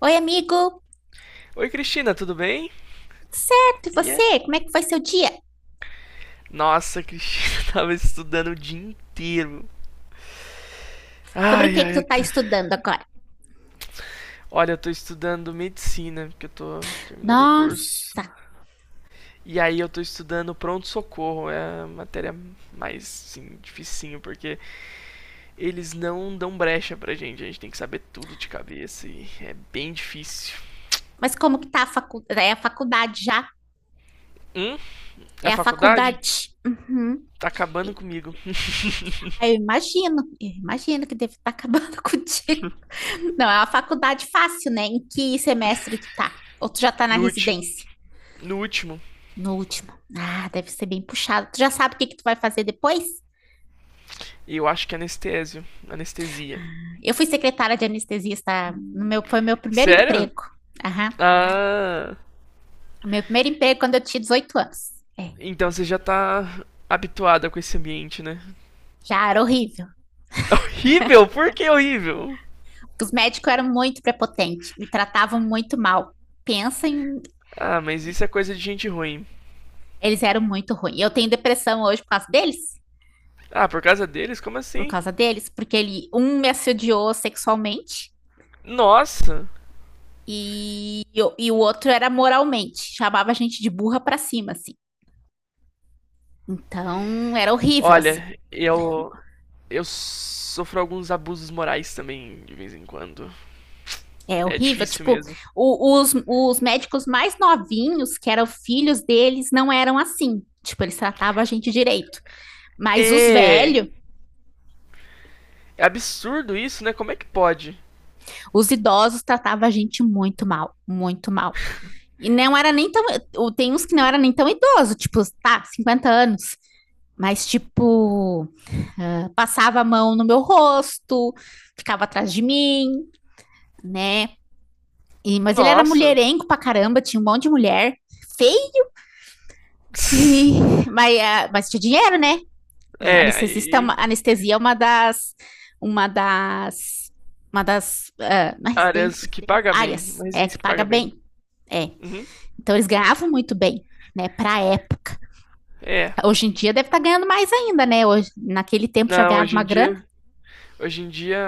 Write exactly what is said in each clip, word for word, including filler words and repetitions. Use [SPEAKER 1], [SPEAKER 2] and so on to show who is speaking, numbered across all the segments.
[SPEAKER 1] Oi, amigo,
[SPEAKER 2] Oi, Cristina, tudo bem?
[SPEAKER 1] tudo certo? E
[SPEAKER 2] Ia?
[SPEAKER 1] você? Como é que foi seu dia?
[SPEAKER 2] Nossa, Cristina, tava estudando o dia inteiro.
[SPEAKER 1] Sobre o
[SPEAKER 2] Ai,
[SPEAKER 1] que que
[SPEAKER 2] ai,
[SPEAKER 1] tu
[SPEAKER 2] eu
[SPEAKER 1] tá
[SPEAKER 2] tô-
[SPEAKER 1] estudando agora?
[SPEAKER 2] olha, eu tô estudando medicina, porque eu tô terminando o curso.
[SPEAKER 1] Nossa,
[SPEAKER 2] E aí eu tô estudando pronto-socorro, é a matéria mais, assim, dificinho, porque eles não dão brecha pra gente, a gente tem que saber tudo de cabeça e é bem difícil.
[SPEAKER 1] mas como que tá a faculdade? É a faculdade já?
[SPEAKER 2] Hum? A
[SPEAKER 1] É a
[SPEAKER 2] faculdade?
[SPEAKER 1] faculdade. Uhum.
[SPEAKER 2] Tá acabando
[SPEAKER 1] E-
[SPEAKER 2] comigo.
[SPEAKER 1] ah, Eu imagino, eu imagino que deve estar acabando contigo. Não, é uma faculdade fácil, né? Em que semestre tu tá? Ou tu já tá na
[SPEAKER 2] No último.
[SPEAKER 1] residência?
[SPEAKER 2] No último.
[SPEAKER 1] No último. Ah, deve ser bem puxado. Tu já sabe o que que tu vai fazer depois?
[SPEAKER 2] E eu acho que é anestésio. Anestesia.
[SPEAKER 1] Eu fui secretária de anestesista no meu, foi meu primeiro
[SPEAKER 2] Sério?
[SPEAKER 1] emprego. Aham.
[SPEAKER 2] Ah,
[SPEAKER 1] O Meu primeiro emprego é quando eu tinha dezoito anos. É,
[SPEAKER 2] então você já tá habituada com esse ambiente, né?
[SPEAKER 1] já era horrível.
[SPEAKER 2] Horrível? Por que horrível?
[SPEAKER 1] Os médicos eram muito prepotentes, me tratavam muito mal. Pensa em.
[SPEAKER 2] Ah, mas isso é coisa de gente ruim.
[SPEAKER 1] Eles eram muito ruins. Eu tenho depressão hoje por causa deles.
[SPEAKER 2] Ah, por causa deles? Como
[SPEAKER 1] Por
[SPEAKER 2] assim?
[SPEAKER 1] causa deles, porque ele, um me assediou sexualmente
[SPEAKER 2] Nossa!
[SPEAKER 1] e, e o outro era moralmente. Chamava a gente de burra pra cima, assim. Então, era horrível, assim.
[SPEAKER 2] Olha, eu. Eu sofro alguns abusos morais também, de vez em quando.
[SPEAKER 1] É
[SPEAKER 2] É
[SPEAKER 1] horrível.
[SPEAKER 2] difícil
[SPEAKER 1] Tipo,
[SPEAKER 2] mesmo.
[SPEAKER 1] o- os, os médicos mais novinhos, que eram filhos deles, não eram assim. Tipo, eles tratavam a gente direito. Mas os
[SPEAKER 2] É.
[SPEAKER 1] velhos,
[SPEAKER 2] É absurdo isso, né? Como é que pode?
[SPEAKER 1] os idosos tratavam a gente muito mal, muito mal. E não era nem tão. Tem uns que não era nem tão idoso, tipo, tá, cinquenta anos. Mas, tipo, uh, passava a mão no meu rosto, ficava atrás de mim, né? E, mas ele era
[SPEAKER 2] Nossa.
[SPEAKER 1] mulherengo pra caramba, tinha um monte de mulher, feio, e, mas, uh, mas tinha dinheiro, né? É,
[SPEAKER 2] É,
[SPEAKER 1] anestesista é uma,
[SPEAKER 2] aí.
[SPEAKER 1] anestesia é uma das, uma das, uma das, ah, na
[SPEAKER 2] Áreas
[SPEAKER 1] residência,
[SPEAKER 2] que paga bem,
[SPEAKER 1] áreas,
[SPEAKER 2] mas
[SPEAKER 1] é,
[SPEAKER 2] diz
[SPEAKER 1] que
[SPEAKER 2] que
[SPEAKER 1] paga
[SPEAKER 2] paga bem.
[SPEAKER 1] bem, é.
[SPEAKER 2] Uhum.
[SPEAKER 1] Então eles ganhavam muito bem, né, pra época.
[SPEAKER 2] É.
[SPEAKER 1] Hoje em dia deve estar ganhando mais ainda, né, hoje, naquele tempo já
[SPEAKER 2] Não,
[SPEAKER 1] ganhava
[SPEAKER 2] hoje
[SPEAKER 1] uma
[SPEAKER 2] em
[SPEAKER 1] grana,
[SPEAKER 2] dia. Hoje em dia.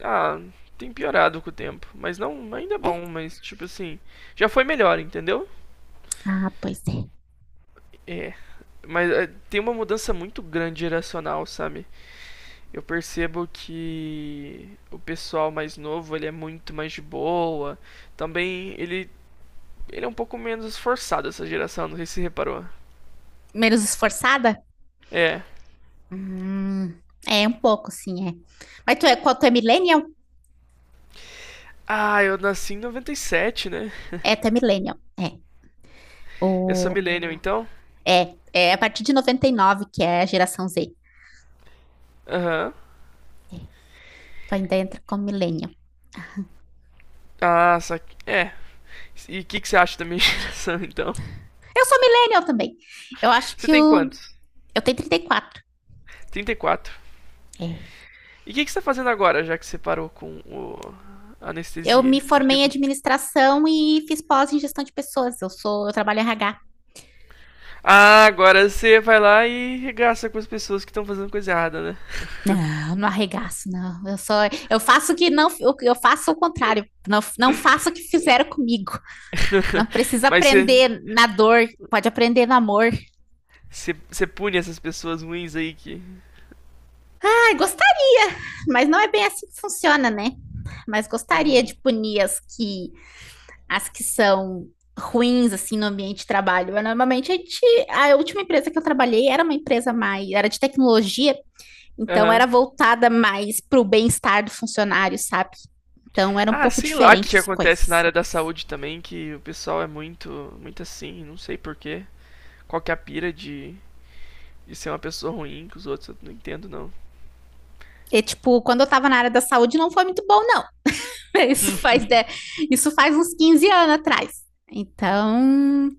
[SPEAKER 2] Ah, tem piorado com o tempo. Mas não, ainda é
[SPEAKER 1] é?
[SPEAKER 2] bom, mas tipo assim. Já foi melhor, entendeu?
[SPEAKER 1] Ah, pois é.
[SPEAKER 2] É. Mas é, tem uma mudança muito grande geracional, sabe? Eu percebo que o pessoal mais novo, ele é muito mais de boa. Também ele. Ele é um pouco menos esforçado, essa geração, não sei se você reparou.
[SPEAKER 1] Menos esforçada?
[SPEAKER 2] É.
[SPEAKER 1] Hum, é, um pouco, sim, é. Mas tu é, qual, tu é millennial?
[SPEAKER 2] Ah, eu nasci em noventa e sete, né?
[SPEAKER 1] É, tu é millennial, é.
[SPEAKER 2] Eu sou
[SPEAKER 1] O,
[SPEAKER 2] millennial, então?
[SPEAKER 1] é, é a partir de noventa e nove que é a geração Z.
[SPEAKER 2] Aham.
[SPEAKER 1] Tu ainda entra como millennial.
[SPEAKER 2] Ah, só que... É. E o que, que você acha da minha geração, então?
[SPEAKER 1] Eu sou millennial também. Eu acho
[SPEAKER 2] Você
[SPEAKER 1] que
[SPEAKER 2] tem
[SPEAKER 1] eu,
[SPEAKER 2] quantos?
[SPEAKER 1] eu tenho trinta e quatro.
[SPEAKER 2] Trinta e quatro.
[SPEAKER 1] É.
[SPEAKER 2] E o que, que você tá fazendo agora, já que você parou com o... a
[SPEAKER 1] Eu me
[SPEAKER 2] anestesia? Me.
[SPEAKER 1] formei em administração e fiz pós em gestão de pessoas. Eu sou, eu trabalho em R H.
[SPEAKER 2] Ah, agora você vai lá e regaça com as pessoas que estão fazendo coisa errada, né?
[SPEAKER 1] Não, não arregaço, não. Eu sou, eu faço o que não, eu, eu faço o contrário. Não, não faço o que fizeram comigo. Não precisa
[SPEAKER 2] Mas você,
[SPEAKER 1] aprender na dor, pode aprender no amor.
[SPEAKER 2] você, você pune essas pessoas ruins aí que.
[SPEAKER 1] Ai, gostaria, mas não é bem assim que funciona, né? Mas gostaria
[SPEAKER 2] Uhum.
[SPEAKER 1] de punir as que as que são ruins assim no ambiente de trabalho. Mas, normalmente a gente, a última empresa que eu trabalhei era uma empresa mais, era de tecnologia, então era
[SPEAKER 2] Aham.
[SPEAKER 1] voltada mais para o bem-estar do funcionário, sabe? Então era um
[SPEAKER 2] Ah,
[SPEAKER 1] pouco
[SPEAKER 2] sei lá o
[SPEAKER 1] diferente
[SPEAKER 2] que
[SPEAKER 1] as
[SPEAKER 2] acontece na
[SPEAKER 1] coisas.
[SPEAKER 2] área da saúde também, que o pessoal é muito, muito assim, não sei porquê. Qual que é a pira de, de ser uma pessoa ruim que os outros, eu não entendo não.
[SPEAKER 1] E, tipo, quando eu tava na área da saúde não foi muito bom, não. Isso faz, de- isso faz uns quinze anos atrás. Então,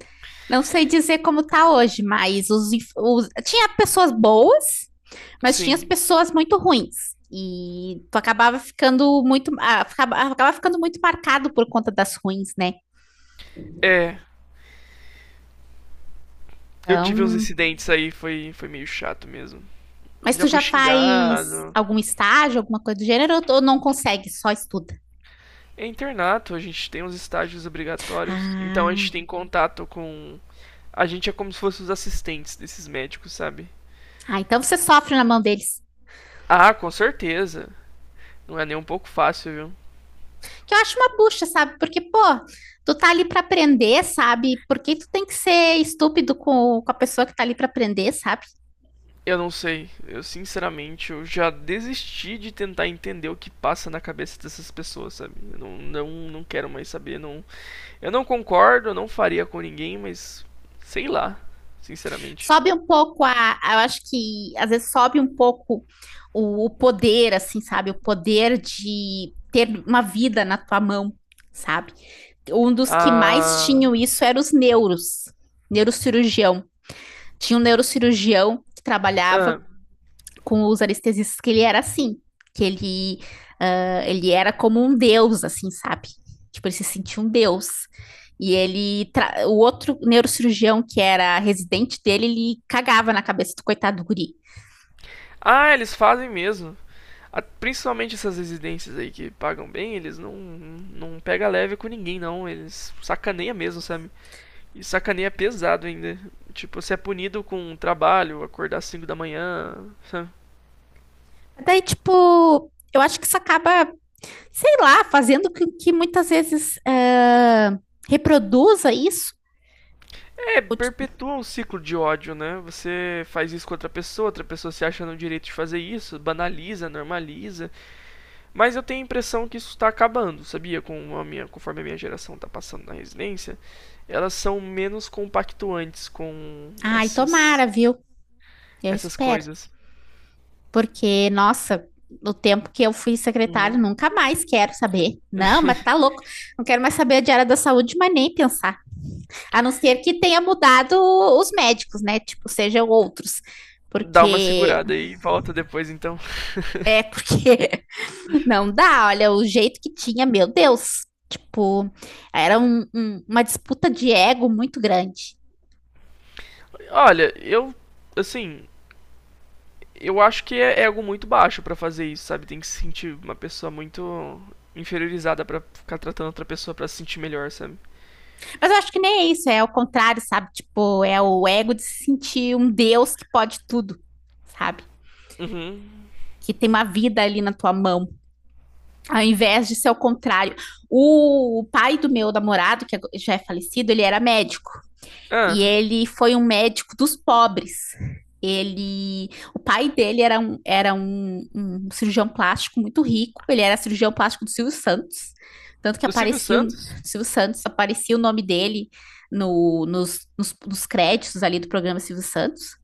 [SPEAKER 1] não sei dizer como tá hoje, mas os, os- tinha pessoas boas, mas tinha as
[SPEAKER 2] Sim,
[SPEAKER 1] pessoas muito ruins. E tu acabava ficando muito, ah, acabava ficando muito marcado por conta das ruins, né?
[SPEAKER 2] é, eu tive uns
[SPEAKER 1] Então,
[SPEAKER 2] incidentes aí, foi, foi meio chato mesmo.
[SPEAKER 1] mas
[SPEAKER 2] Já
[SPEAKER 1] tu
[SPEAKER 2] fui
[SPEAKER 1] já faz
[SPEAKER 2] xingado.
[SPEAKER 1] algum estágio, alguma coisa do gênero, ou ou não consegue, só estuda?
[SPEAKER 2] É internato, a gente tem os estágios obrigatórios. Então a
[SPEAKER 1] Ah,
[SPEAKER 2] gente tem contato com. A gente é como se fosse os assistentes desses médicos, sabe?
[SPEAKER 1] ah, então você sofre na mão deles.
[SPEAKER 2] Ah, com certeza. Não é nem um pouco fácil, viu?
[SPEAKER 1] Que eu acho uma bucha, sabe? Porque, pô, tu tá ali pra aprender, sabe? Por que tu tem que ser estúpido com, com a pessoa que tá ali pra aprender, sabe?
[SPEAKER 2] Eu não sei. Eu sinceramente eu já desisti de tentar entender o que passa na cabeça dessas pessoas, sabe? Eu não, não, não quero mais saber. Não, eu não concordo, eu não faria com ninguém, mas sei lá, sinceramente.
[SPEAKER 1] Sobe um pouco a, eu acho que às vezes sobe um pouco o, o poder, assim, sabe? O poder de ter uma vida na tua mão, sabe? Um dos que mais
[SPEAKER 2] Ah,
[SPEAKER 1] tinham isso eram os neuros, neurocirurgião. Tinha um neurocirurgião que trabalhava
[SPEAKER 2] ah,
[SPEAKER 1] com os anestesistas que ele era assim, que ele, ah, ele era como um deus, assim, sabe? Tipo, ele se sentia um deus. E ele, tra- o outro neurocirurgião que era residente dele, ele cagava na cabeça do coitado do guri.
[SPEAKER 2] ah, eles fazem mesmo. Principalmente essas residências aí que pagam bem, eles não, não pega leve com ninguém, não. Eles sacaneia mesmo, sabe? E sacaneia pesado ainda. Tipo, você é punido com um trabalho, acordar às cinco da manhã, sabe?
[SPEAKER 1] Daí, tipo, eu acho que isso acaba, sei lá, fazendo com que muitas vezes ah, reproduza isso.
[SPEAKER 2] É, perpetua um ciclo de ódio, né? Você faz isso com outra pessoa, outra pessoa se acha no direito de fazer isso, banaliza, normaliza. Mas eu tenho a impressão que isso tá acabando, sabia? Com a minha, conforme a minha geração tá passando na residência, elas são menos compactuantes com
[SPEAKER 1] Ai, tomara,
[SPEAKER 2] esses
[SPEAKER 1] viu? Eu
[SPEAKER 2] essas
[SPEAKER 1] espero.
[SPEAKER 2] coisas.
[SPEAKER 1] Porque, nossa, no tempo que eu fui secretária,
[SPEAKER 2] Uhum.
[SPEAKER 1] nunca mais quero saber. Não, mas tá louco. Não quero mais saber de área da saúde, mas nem pensar. A não ser que tenha mudado os médicos, né? Tipo, sejam outros.
[SPEAKER 2] Dá uma
[SPEAKER 1] Porque
[SPEAKER 2] segurada e volta depois, então.
[SPEAKER 1] é porque não dá, olha, o jeito que tinha, meu Deus. Tipo, era um- um- uma disputa de ego muito grande.
[SPEAKER 2] Olha, eu. Assim, eu acho que é, é algo muito baixo pra fazer isso, sabe? Tem que se sentir uma pessoa muito inferiorizada pra ficar tratando outra pessoa pra se sentir melhor, sabe?
[SPEAKER 1] Mas eu acho que nem é isso, é o contrário, sabe? Tipo, é o ego de se sentir um Deus que pode tudo, sabe?
[SPEAKER 2] Uhum.
[SPEAKER 1] Que tem uma vida ali na tua mão, ao invés de ser o contrário. O pai do meu namorado, que já é falecido, ele era médico e
[SPEAKER 2] Ah,
[SPEAKER 1] ele foi um médico dos pobres. Ele, o pai dele era, um, era um, um cirurgião plástico muito rico, ele era cirurgião plástico do Silvio Santos, tanto que
[SPEAKER 2] do Silvio
[SPEAKER 1] aparecia o
[SPEAKER 2] Santos?
[SPEAKER 1] Silvio Santos, aparecia o nome dele no, nos, nos, nos créditos ali do programa Silvio Santos.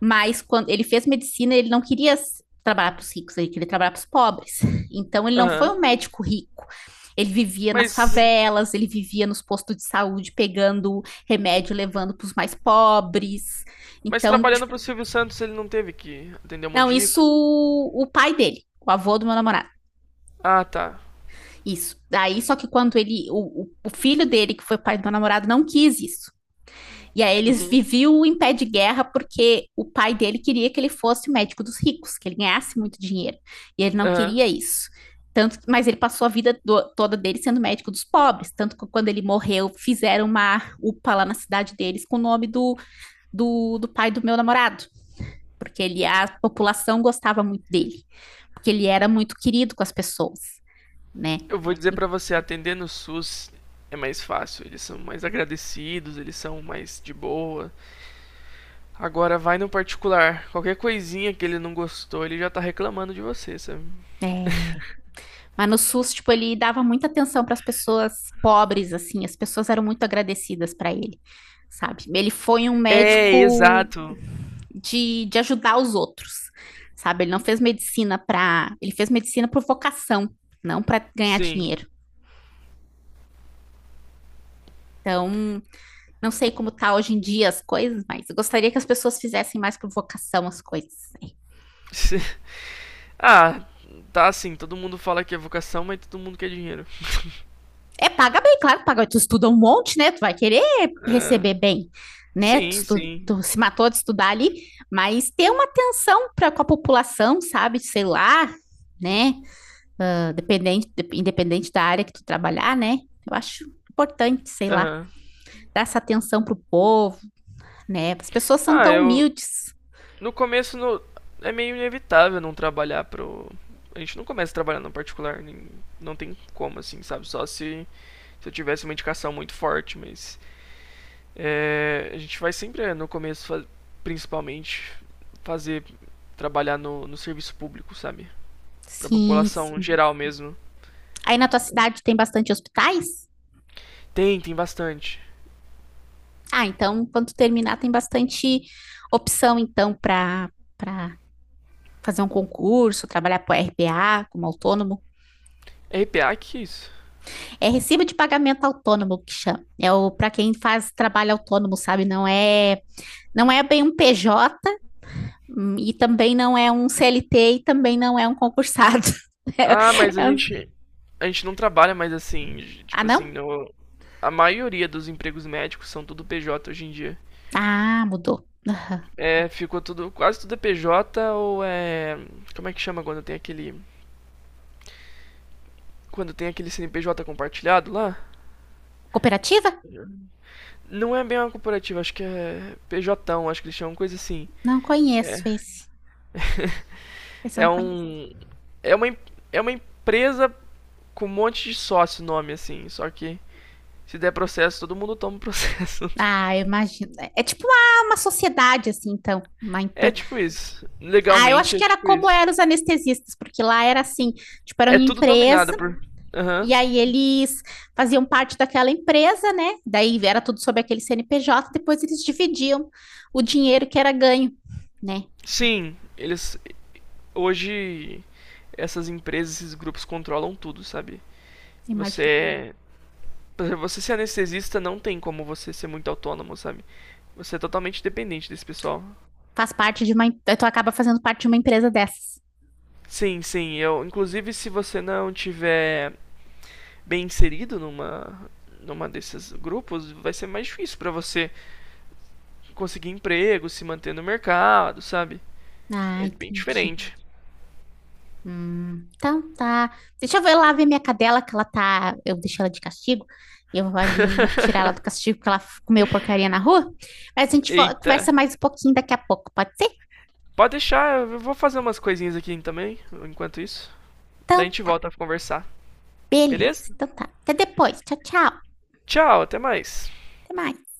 [SPEAKER 1] Mas quando ele fez medicina, ele não queria s- trabalhar para os ricos, ele queria trabalhar para os pobres. Então ele não foi
[SPEAKER 2] Aham.
[SPEAKER 1] um médico rico. Ele vivia nas
[SPEAKER 2] Mas.
[SPEAKER 1] favelas, ele vivia nos postos de saúde pegando remédio, e levando para os mais pobres.
[SPEAKER 2] Mas
[SPEAKER 1] Então,
[SPEAKER 2] trabalhando pro
[SPEAKER 1] tipo,
[SPEAKER 2] Silvio Santos, ele não teve que atender um monte
[SPEAKER 1] não,
[SPEAKER 2] de
[SPEAKER 1] isso
[SPEAKER 2] rico?
[SPEAKER 1] o pai dele, o avô do meu namorado.
[SPEAKER 2] Ah, tá.
[SPEAKER 1] Isso. Daí, só que quando ele, o, o o filho dele, que foi pai do meu namorado, não quis isso. E aí eles
[SPEAKER 2] Uhum.
[SPEAKER 1] viviam em pé de guerra porque o pai dele queria que ele fosse médico dos ricos, que ele ganhasse muito dinheiro. E ele não
[SPEAKER 2] Aham.
[SPEAKER 1] queria isso. Tanto, mas ele passou a vida do- toda dele sendo médico dos pobres. Tanto que quando ele morreu, fizeram uma UPA lá na cidade deles com o nome do, do, do pai do meu namorado. Porque ele, a população gostava muito dele. Porque ele era muito querido com as pessoas, né?
[SPEAKER 2] Eu vou dizer pra você, atender no SUS é mais fácil, eles são mais agradecidos, eles são mais de boa. Agora vai no particular, qualquer coisinha que ele não gostou, ele já tá reclamando de você, sabe?
[SPEAKER 1] É, mas no SUS, tipo, ele dava muita atenção para as pessoas pobres, assim, as pessoas eram muito agradecidas para ele, sabe? Ele foi um
[SPEAKER 2] É,
[SPEAKER 1] médico
[SPEAKER 2] exato.
[SPEAKER 1] de, de ajudar os outros, sabe? Ele não fez medicina para, ele fez medicina por vocação, não para ganhar
[SPEAKER 2] Sim.
[SPEAKER 1] dinheiro. Então, não sei como tá hoje em dia as coisas, mas eu gostaria que as pessoas fizessem mais por vocação as coisas.
[SPEAKER 2] Ah, tá assim, todo mundo fala que é vocação, mas todo mundo quer dinheiro.
[SPEAKER 1] É, paga bem, claro que paga. Tu estuda um monte, né? Tu vai querer
[SPEAKER 2] É.
[SPEAKER 1] receber bem, né? Tu,
[SPEAKER 2] Sim,
[SPEAKER 1] estu-
[SPEAKER 2] sim.
[SPEAKER 1] tu se matou de estudar ali, mas ter uma atenção para com a população, sabe? Sei lá, né? Ah, Dependente, de- independente da área que tu trabalhar, né? Eu acho importante, sei lá,
[SPEAKER 2] Aham.
[SPEAKER 1] dar essa atenção pro povo, né? As pessoas são
[SPEAKER 2] Ah,
[SPEAKER 1] tão
[SPEAKER 2] eu
[SPEAKER 1] humildes.
[SPEAKER 2] no começo no é meio inevitável não trabalhar pro a gente não começa a trabalhar no particular, nem- não tem como assim, sabe? Só se se eu tivesse uma indicação muito forte, mas é, a gente vai sempre é, no começo, principalmente, fazer trabalhar no, no serviço público, sabe? Pra
[SPEAKER 1] Sim,
[SPEAKER 2] população
[SPEAKER 1] sim.
[SPEAKER 2] geral mesmo.
[SPEAKER 1] Aí na tua cidade tem bastante hospitais?
[SPEAKER 2] Tem, tem bastante.
[SPEAKER 1] Ah, então quando tu terminar tem bastante opção então para para fazer um concurso, trabalhar para R P A como autônomo.
[SPEAKER 2] R P A, que que é isso?
[SPEAKER 1] É recibo de pagamento autônomo que chama. É o para quem faz trabalho autônomo, sabe? Não é, não é bem um P J e também não é um C L T e também não é um concursado. É,
[SPEAKER 2] Ah, mas a
[SPEAKER 1] é um-
[SPEAKER 2] gente a gente não trabalha mais assim,
[SPEAKER 1] ah,
[SPEAKER 2] tipo assim,
[SPEAKER 1] não?
[SPEAKER 2] no, a maioria dos empregos médicos são tudo P J hoje em dia.
[SPEAKER 1] Ah, mudou.
[SPEAKER 2] É, ficou tudo, quase tudo é P J ou é, como é que chama quando tem aquele, quando tem aquele C N P J compartilhado lá?
[SPEAKER 1] Cooperativa?
[SPEAKER 2] Não é bem uma corporativa, acho que é P J, acho que eles chamam coisa assim.
[SPEAKER 1] Não conheço
[SPEAKER 2] É,
[SPEAKER 1] esse. Esse eu não
[SPEAKER 2] é
[SPEAKER 1] conheço.
[SPEAKER 2] um. É uma, em- é uma empresa com um monte de sócio nome, assim. Só que se der processo, todo mundo toma o processo.
[SPEAKER 1] Ah, eu imagino. É é tipo uma, uma sociedade, assim, então. Uma
[SPEAKER 2] É tipo isso.
[SPEAKER 1] Ah, eu acho
[SPEAKER 2] Legalmente é
[SPEAKER 1] que era
[SPEAKER 2] tipo
[SPEAKER 1] como
[SPEAKER 2] isso.
[SPEAKER 1] eram os anestesistas, porque lá era assim, tipo, era
[SPEAKER 2] É
[SPEAKER 1] uma
[SPEAKER 2] tudo
[SPEAKER 1] empresa.
[SPEAKER 2] dominado por. Aham.
[SPEAKER 1] E aí eles faziam parte daquela empresa, né? Daí era tudo sobre aquele C N P J, depois eles dividiam o dinheiro que era ganho, né?
[SPEAKER 2] Sim, eles. Hoje essas empresas, esses grupos controlam tudo, sabe? Você
[SPEAKER 1] Imagina.
[SPEAKER 2] é. Por exemplo, você ser anestesista não tem como você ser muito autônomo, sabe? Você é totalmente dependente desse pessoal.
[SPEAKER 1] Faz parte de uma. Tu acaba fazendo parte de uma empresa dessas.
[SPEAKER 2] Sim, sim. Eu, inclusive, se você não tiver bem inserido numa numa desses grupos, vai ser mais difícil para você conseguir emprego, se manter no mercado, sabe?
[SPEAKER 1] Ah,
[SPEAKER 2] É bem
[SPEAKER 1] entendi.
[SPEAKER 2] diferente.
[SPEAKER 1] Hum, então tá. Deixa eu ver lá ver minha cadela, que ela tá. Eu deixei ela de castigo. Eu vou ali tirar ela do castigo, porque ela comeu porcaria na rua. Mas a gente vo- conversa
[SPEAKER 2] Eita.
[SPEAKER 1] mais um pouquinho daqui a pouco, pode ser?
[SPEAKER 2] Pode deixar, eu vou fazer umas coisinhas aqui também, enquanto isso. Daí a
[SPEAKER 1] Então
[SPEAKER 2] gente
[SPEAKER 1] tá.
[SPEAKER 2] volta pra conversar.
[SPEAKER 1] Beleza.
[SPEAKER 2] Beleza?
[SPEAKER 1] Então tá. Até depois. Tchau, tchau.
[SPEAKER 2] Tchau, até mais.
[SPEAKER 1] Até mais.